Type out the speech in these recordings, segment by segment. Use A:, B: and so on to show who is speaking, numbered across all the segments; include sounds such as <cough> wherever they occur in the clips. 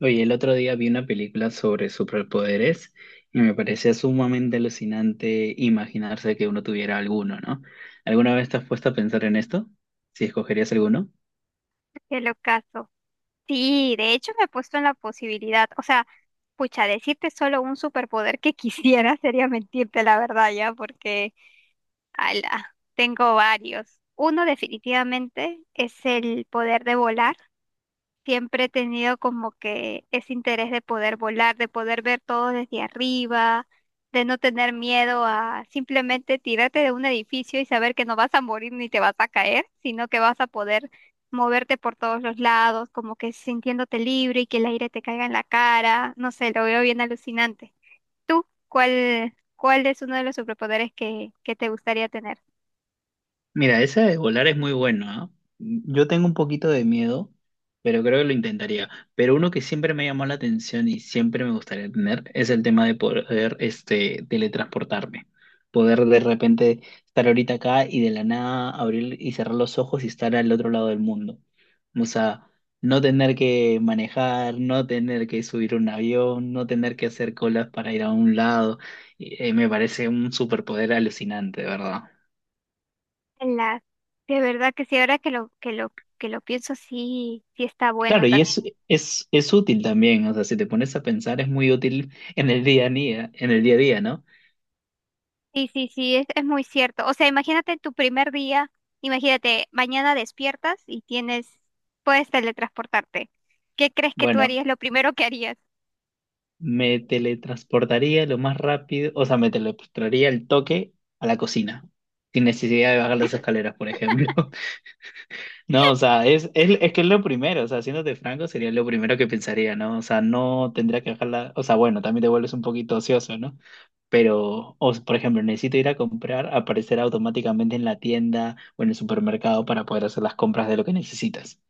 A: Oye, el otro día vi una película sobre superpoderes y me parecía sumamente alucinante imaginarse que uno tuviera alguno, ¿no? ¿Alguna vez te has puesto a pensar en esto? Si escogerías alguno.
B: El ocaso. Sí, de hecho me he puesto en la posibilidad, o sea, pucha, decirte solo un superpoder que <laughs> quisiera sería mentirte la verdad ya, porque, ala, tengo varios. Uno definitivamente es el poder de volar. Siempre he tenido como que ese interés de poder volar, de poder ver todo desde arriba, de no tener miedo a simplemente tirarte de un edificio y saber que no vas a morir ni te vas a caer, sino que vas a poder moverte por todos los lados, como que sintiéndote libre y que el aire te caiga en la cara. No sé, lo veo bien alucinante. ¿Tú cuál es uno de los superpoderes que te gustaría tener?
A: Mira, esa de volar es muy bueno, ¿ah? Yo tengo un poquito de miedo, pero creo que lo intentaría. Pero uno que siempre me llamó la atención y siempre me gustaría tener es el tema de poder, este, teletransportarme. Poder de repente estar ahorita acá y de la nada abrir y cerrar los ojos y estar al otro lado del mundo. O sea, no tener que manejar, no tener que subir un avión, no tener que hacer colas para ir a un lado. Y, me parece un superpoder alucinante, de ¿verdad?
B: La, de verdad que sí, ahora que lo pienso, sí, sí está bueno
A: Claro, y
B: también.
A: es, es, es útil también, o sea, si te pones a pensar es muy útil en el día a día, en el día a día, ¿no?
B: Sí, sí, sí, es muy cierto. O sea, imagínate tu primer día, imagínate, mañana despiertas y tienes, puedes teletransportarte. ¿Qué crees que tú
A: Bueno,
B: harías? Lo primero que harías.
A: me teletransportaría lo más rápido, o sea, me teletransportaría el toque a la cocina, sin necesidad de bajar las escaleras, por ejemplo. No, o sea, es que es lo primero, o sea, de franco sería lo primero que pensaría, ¿no? O sea, no tendría que dejarla, o sea, bueno, también te vuelves un poquito ocioso, ¿no? Pero, o, por ejemplo, necesito ir a comprar, aparecer automáticamente en la tienda o en el supermercado para poder hacer las compras de lo que necesitas.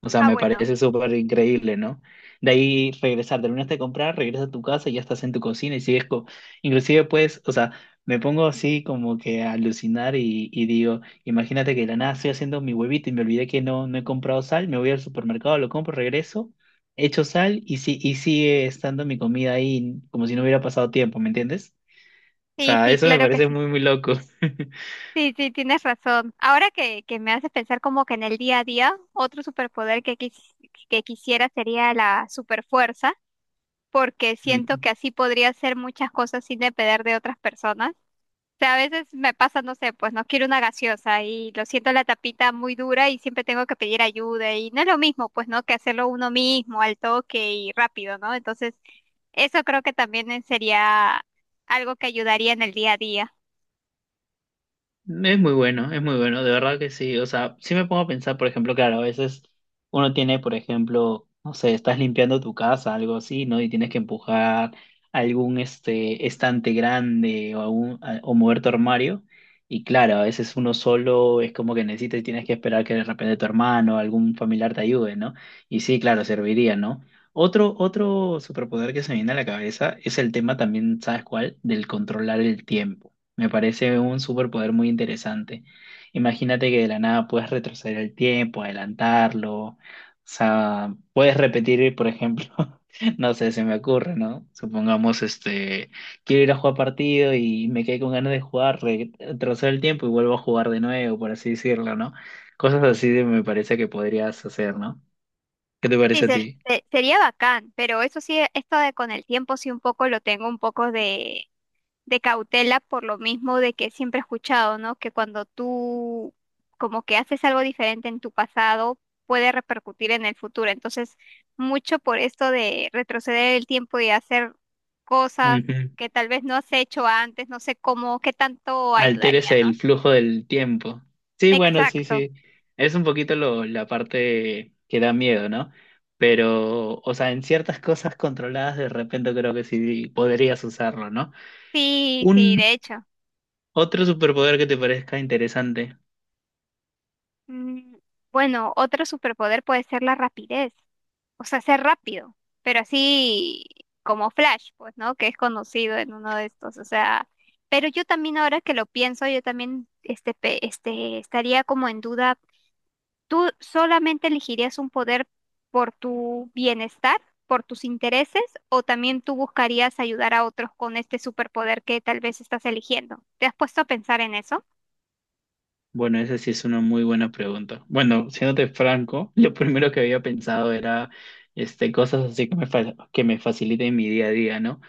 A: O sea,
B: Ah,
A: me
B: bueno.
A: parece súper increíble, ¿no? De ahí regresar, terminaste de comprar, regresas a tu casa, y ya estás en tu cocina y sigues co Inclusive, pues, o sea, me pongo así como que a alucinar y digo, imagínate que de la nada estoy haciendo mi huevito y me olvidé que no he comprado sal, me voy al supermercado, lo compro, regreso, echo sal y, si, y sigue estando mi comida ahí como si no hubiera pasado tiempo, ¿me entiendes? O
B: Sí,
A: sea,
B: sí,
A: eso me
B: claro que
A: parece
B: sí.
A: muy, muy loco.
B: Sí, sí, tienes razón. Ahora que me haces pensar como que en el día a día, otro superpoder que quisiera sería la superfuerza, porque siento que
A: <laughs>
B: así podría hacer muchas cosas sin depender de otras personas. Sea, a veces me pasa, no sé, pues no quiero una gaseosa y lo siento la tapita muy dura y siempre tengo que pedir ayuda y no es lo mismo, pues, ¿no? Que hacerlo uno mismo al toque y rápido, ¿no? Entonces, eso creo que también sería algo que ayudaría en el día a día.
A: Es muy bueno, de verdad que sí. O sea, sí me pongo a pensar, por ejemplo, claro, a veces uno tiene, por ejemplo, no sé, estás limpiando tu casa, algo así, ¿no? Y tienes que empujar algún este estante grande o, o mover tu armario. Y claro, a veces uno solo es como que necesitas y tienes que esperar que de repente tu hermano o algún familiar te ayude, ¿no? Y sí, claro, serviría, ¿no? Otro superpoder que se me viene a la cabeza es el tema también, ¿sabes cuál? Del controlar el tiempo. Me parece un superpoder muy interesante. Imagínate que de la nada puedes retroceder el tiempo, adelantarlo, o sea, puedes repetir, por ejemplo, <laughs> no sé, se me ocurre, ¿no? Supongamos, este, quiero ir a jugar partido y me quedé con ganas de jugar, retrocedo el tiempo y vuelvo a jugar de nuevo, por así decirlo, ¿no? Me parece que podrías hacer, ¿no? ¿Qué te
B: Sí,
A: parece a ti?
B: sería bacán, pero eso sí, esto de con el tiempo sí un poco lo tengo un poco de cautela por lo mismo de que siempre he escuchado, ¿no? Que cuando tú como que haces algo diferente en tu pasado, puede repercutir en el futuro. Entonces, mucho por esto de retroceder el tiempo y hacer cosas
A: Ujú.
B: que tal vez no has hecho antes, no sé cómo, qué tanto
A: Alteres
B: ayudaría,
A: el
B: ¿no?
A: flujo del tiempo. Sí, bueno, sí,
B: Exacto.
A: sí. Es un poquito lo, la parte que da miedo, ¿no? Pero, o sea, en ciertas cosas controladas de repente creo que sí podrías usarlo, ¿no?
B: Sí, sí,
A: Un
B: de hecho.
A: otro superpoder que te parezca interesante.
B: Mm, Bueno, otro superpoder puede ser la rapidez, o sea, ser rápido, pero así como Flash, pues, ¿no? Que es conocido en uno de estos, o sea, pero yo también ahora que lo pienso, yo también estaría como en duda. ¿Tú solamente elegirías un poder por tu bienestar, por tus intereses, o también tú buscarías ayudar a otros con este superpoder que tal vez estás eligiendo? ¿Te has puesto a pensar en eso?
A: Bueno, esa sí es una muy buena pregunta. Bueno, siéndote franco, lo primero que había pensado era este, cosas así que me, que me faciliten mi día a día, ¿no?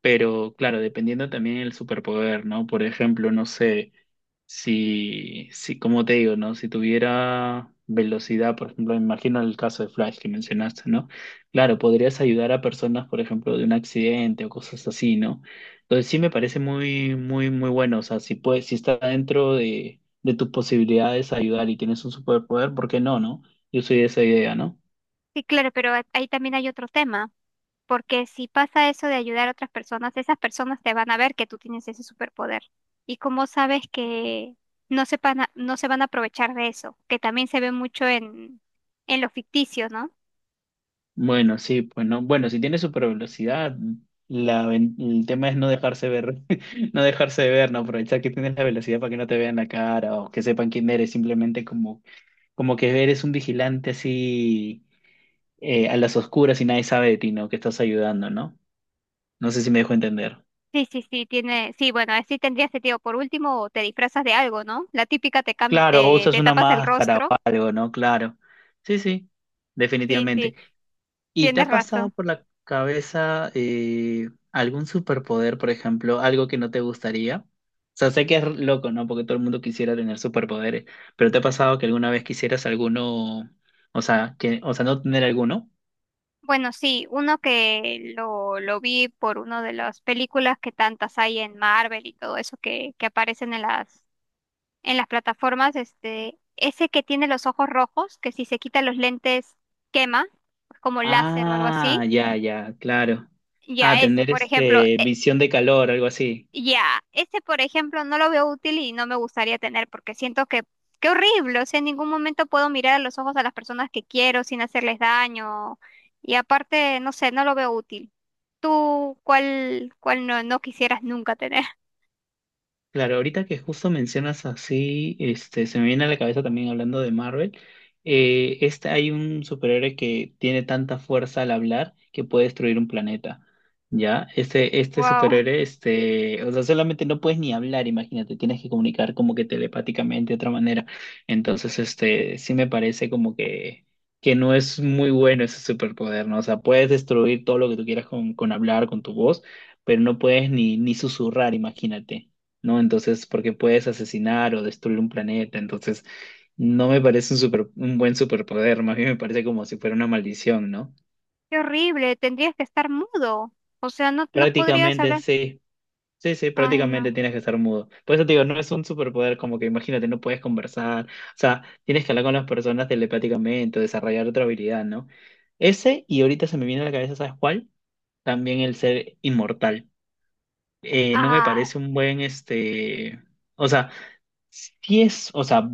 A: Pero claro, dependiendo también del superpoder, ¿no? Por ejemplo, no sé. Si, como te digo, ¿no? Si tuviera velocidad, por ejemplo, me imagino el caso de Flash que mencionaste, ¿no? Claro, podrías ayudar a personas, por ejemplo, de un accidente o cosas así, ¿no? Entonces sí me parece muy, muy, muy bueno. O sea, si puedes, si está dentro de tus posibilidades ayudar y tienes un superpoder, ¿por qué no, no? Yo soy de esa idea, ¿no?
B: Sí, claro, pero ahí también hay otro tema. Porque si pasa eso de ayudar a otras personas, esas personas te van a ver que tú tienes ese superpoder. Y como sabes que no sepan, no se van a aprovechar de eso, que también se ve mucho en lo ficticio, ¿no?
A: Bueno, sí, pues no. Bueno, si tiene super velocidad, el tema es no dejarse ver, <laughs> no dejarse ver, no aprovechar que tienes la velocidad para que no te vean la cara o que sepan quién eres, simplemente como, como que eres un vigilante así a las oscuras y nadie sabe de ti, ¿no? Que estás ayudando, ¿no? No sé si me dejo entender.
B: Sí, sí, sí, tiene, sí, bueno, así tendría sentido. Por último, te disfrazas de algo, ¿no? La típica
A: Claro, o usas
B: te
A: una
B: tapas el
A: máscara o
B: rostro.
A: algo, ¿no? Claro. Sí, sí,
B: Sí, sí,
A: definitivamente. ¿Y te
B: tienes
A: ha pasado
B: razón.
A: por la cabeza algún superpoder, por ejemplo, algo que no te gustaría? O sea, sé que es loco, ¿no? Porque todo el mundo quisiera tener superpoderes, pero ¿te ha pasado que alguna vez quisieras alguno, o sea, que, o sea, no tener alguno?
B: Bueno, sí, uno que lo vi por una de las películas que tantas hay en Marvel y todo eso que aparecen en las plataformas, este, ese que tiene los ojos rojos, que si se quita los lentes quema, como láser o algo así.
A: Ah, ya, ya, claro. Ah,
B: Ya ese,
A: tener
B: por ejemplo,
A: este visión de calor, algo así.
B: ya ese, por ejemplo, no lo veo útil y no me gustaría tener porque siento que qué horrible, o sea, en ningún momento puedo mirar a los ojos a las personas que quiero sin hacerles daño y aparte, no sé, no lo veo útil. ¿Tú cuál no, no quisieras nunca tener? <laughs>
A: Claro, ahorita que justo mencionas así, este, se me viene a la cabeza también hablando de Marvel, este, hay un superhéroe que tiene tanta fuerza al hablar que puede destruir un planeta, ¿ya? Este
B: Wow,
A: superhéroe, este, o sea, solamente no puedes ni hablar, imagínate, tienes que comunicar como que telepáticamente de otra manera. Entonces, este, sí me parece como que no es muy bueno ese superpoder, ¿no? O sea, puedes destruir todo lo que tú quieras con hablar, con tu voz, pero no puedes ni, ni susurrar, imagínate. ¿No? Entonces, porque puedes asesinar o destruir un planeta, entonces no me parece un super, un buen superpoder, más bien me parece como si fuera una maldición, ¿no?
B: qué horrible, tendrías que estar mudo. O sea, no, no podrías
A: Prácticamente
B: hablar.
A: sí, sí, sí,
B: Ay,
A: prácticamente
B: no.
A: tienes que estar mudo. Por eso te digo, no es un superpoder como que imagínate, no puedes conversar, o sea, tienes que hablar con las personas telepáticamente, desarrollar otra habilidad, ¿no? Ese, y ahorita se me viene a la cabeza, ¿sabes cuál? También el ser inmortal. No me
B: Ah,
A: parece un
B: sí.
A: buen, este, o sea, sí es, o sea,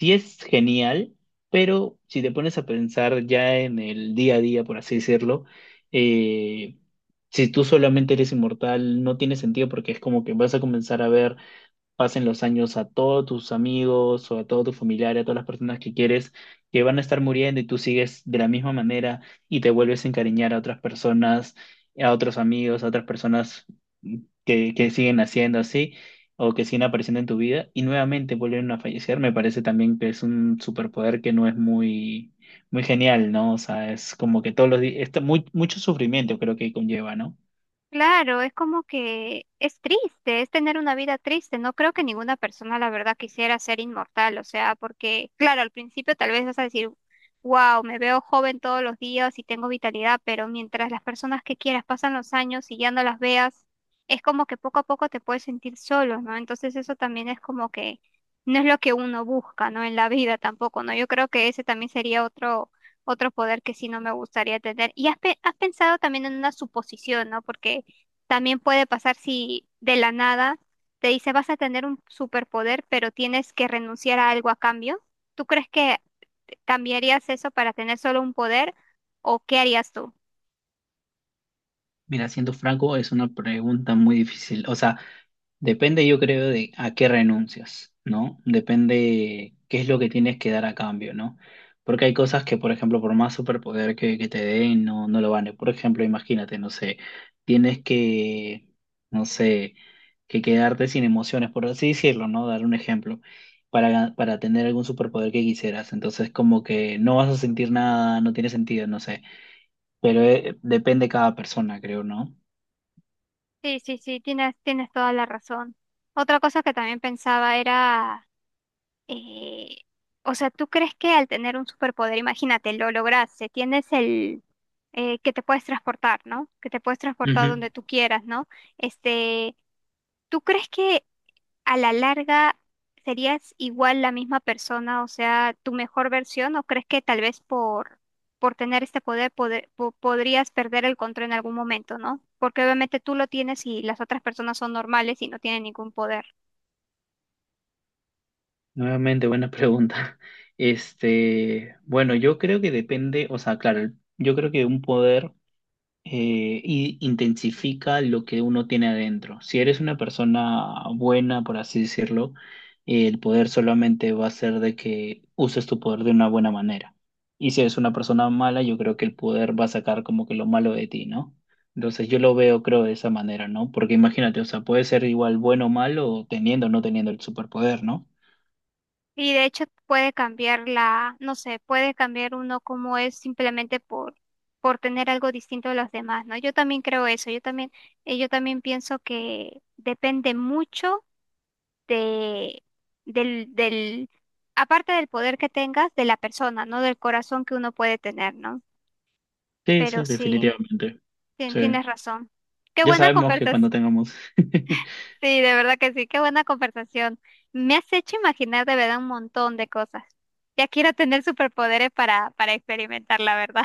A: sí es genial, pero si te pones a pensar ya en el día a día, por así decirlo, eh, si tú solamente eres inmortal, no tiene sentido porque es como que vas a comenzar a ver pasen los años a todos tus amigos o a todos tus familiares, a todas las personas que quieres, que van a estar muriendo y tú sigues de la misma manera y te vuelves a encariñar a otras personas, a otros amigos, a otras personas que siguen haciendo así o que siguen apareciendo en tu vida y nuevamente vuelven a fallecer, me parece también que es un superpoder que no es muy, muy genial, ¿no? O sea, es como que todos los días, muy, mucho sufrimiento creo que conlleva, ¿no?
B: Claro, es como que es triste, es tener una vida triste. No creo que ninguna persona, la verdad, quisiera ser inmortal. O sea, porque, claro, al principio tal vez vas a decir, wow, me veo joven todos los días y tengo vitalidad, pero mientras las personas que quieras pasan los años y ya no las veas, es como que poco a poco te puedes sentir solo, ¿no? Entonces eso también es como que no es lo que uno busca, ¿no? En la vida tampoco, ¿no? Yo creo que ese también sería otro poder que sí no me gustaría tener. Y has pensado también en una suposición, ¿no? Porque también puede pasar si de la nada te dice vas a tener un superpoder, pero tienes que renunciar a algo a cambio. ¿Tú crees que cambiarías eso para tener solo un poder o qué harías tú?
A: Mira, siendo franco, es una pregunta muy difícil. O sea, depende, yo creo, de a qué renuncias, ¿no? Depende qué es lo que tienes que dar a cambio, ¿no? Porque hay cosas que, por ejemplo, por más superpoder que te den, no, no lo vale. Por ejemplo, imagínate, no sé, tienes que, no sé, que quedarte sin emociones, por así decirlo, ¿no? Dar un ejemplo, para tener algún superpoder que quisieras. Entonces, como que no vas a sentir nada, no tiene sentido, no sé. Pero depende cada persona, creo, ¿no?
B: Sí, sí, sí, tienes toda la razón. Otra cosa que también pensaba era, eh, o sea, ¿tú crees que al tener un superpoder, imagínate, lo lograste, tienes el que te puedes transportar, ¿no? Que te puedes transportar
A: Ujú.
B: donde tú quieras, ¿no? Este, ¿Tú crees que a la larga serías igual la misma persona, o sea, tu mejor versión, o crees que tal vez por tener este poder, podrías perder el control en algún momento, ¿no? Porque obviamente tú lo tienes y las otras personas son normales y no tienen ningún poder.
A: Nuevamente, buena pregunta. <laughs> Este, bueno, yo creo que depende, o sea, claro, yo creo que un poder intensifica lo que uno tiene adentro. Si eres una persona buena, por así decirlo, el poder solamente va a ser de que uses tu poder de una buena manera. Y si eres una persona mala, yo creo que el poder va a sacar como que lo malo de ti, ¿no? Entonces yo lo veo, creo, de esa manera, ¿no? Porque imagínate, o sea, puede ser igual bueno o malo, teniendo o no teniendo el superpoder, ¿no?
B: Y de hecho puede cambiar la, no sé, puede cambiar uno como es simplemente por tener algo distinto de los demás, ¿no? Yo también creo eso, yo también pienso que depende mucho de, del, aparte del poder que tengas, de la persona, ¿no? Del corazón que uno puede tener, ¿no?
A: Sí,
B: Pero
A: sí,
B: sí,
A: definitivamente. Sí.
B: tienes razón. Qué
A: Ya
B: buena
A: sabemos que
B: conversación.
A: cuando tengamos. <laughs>
B: Sí, de verdad que sí, qué buena conversación. Me has hecho imaginar de verdad un montón de cosas. Ya quiero tener superpoderes para experimentar, la verdad.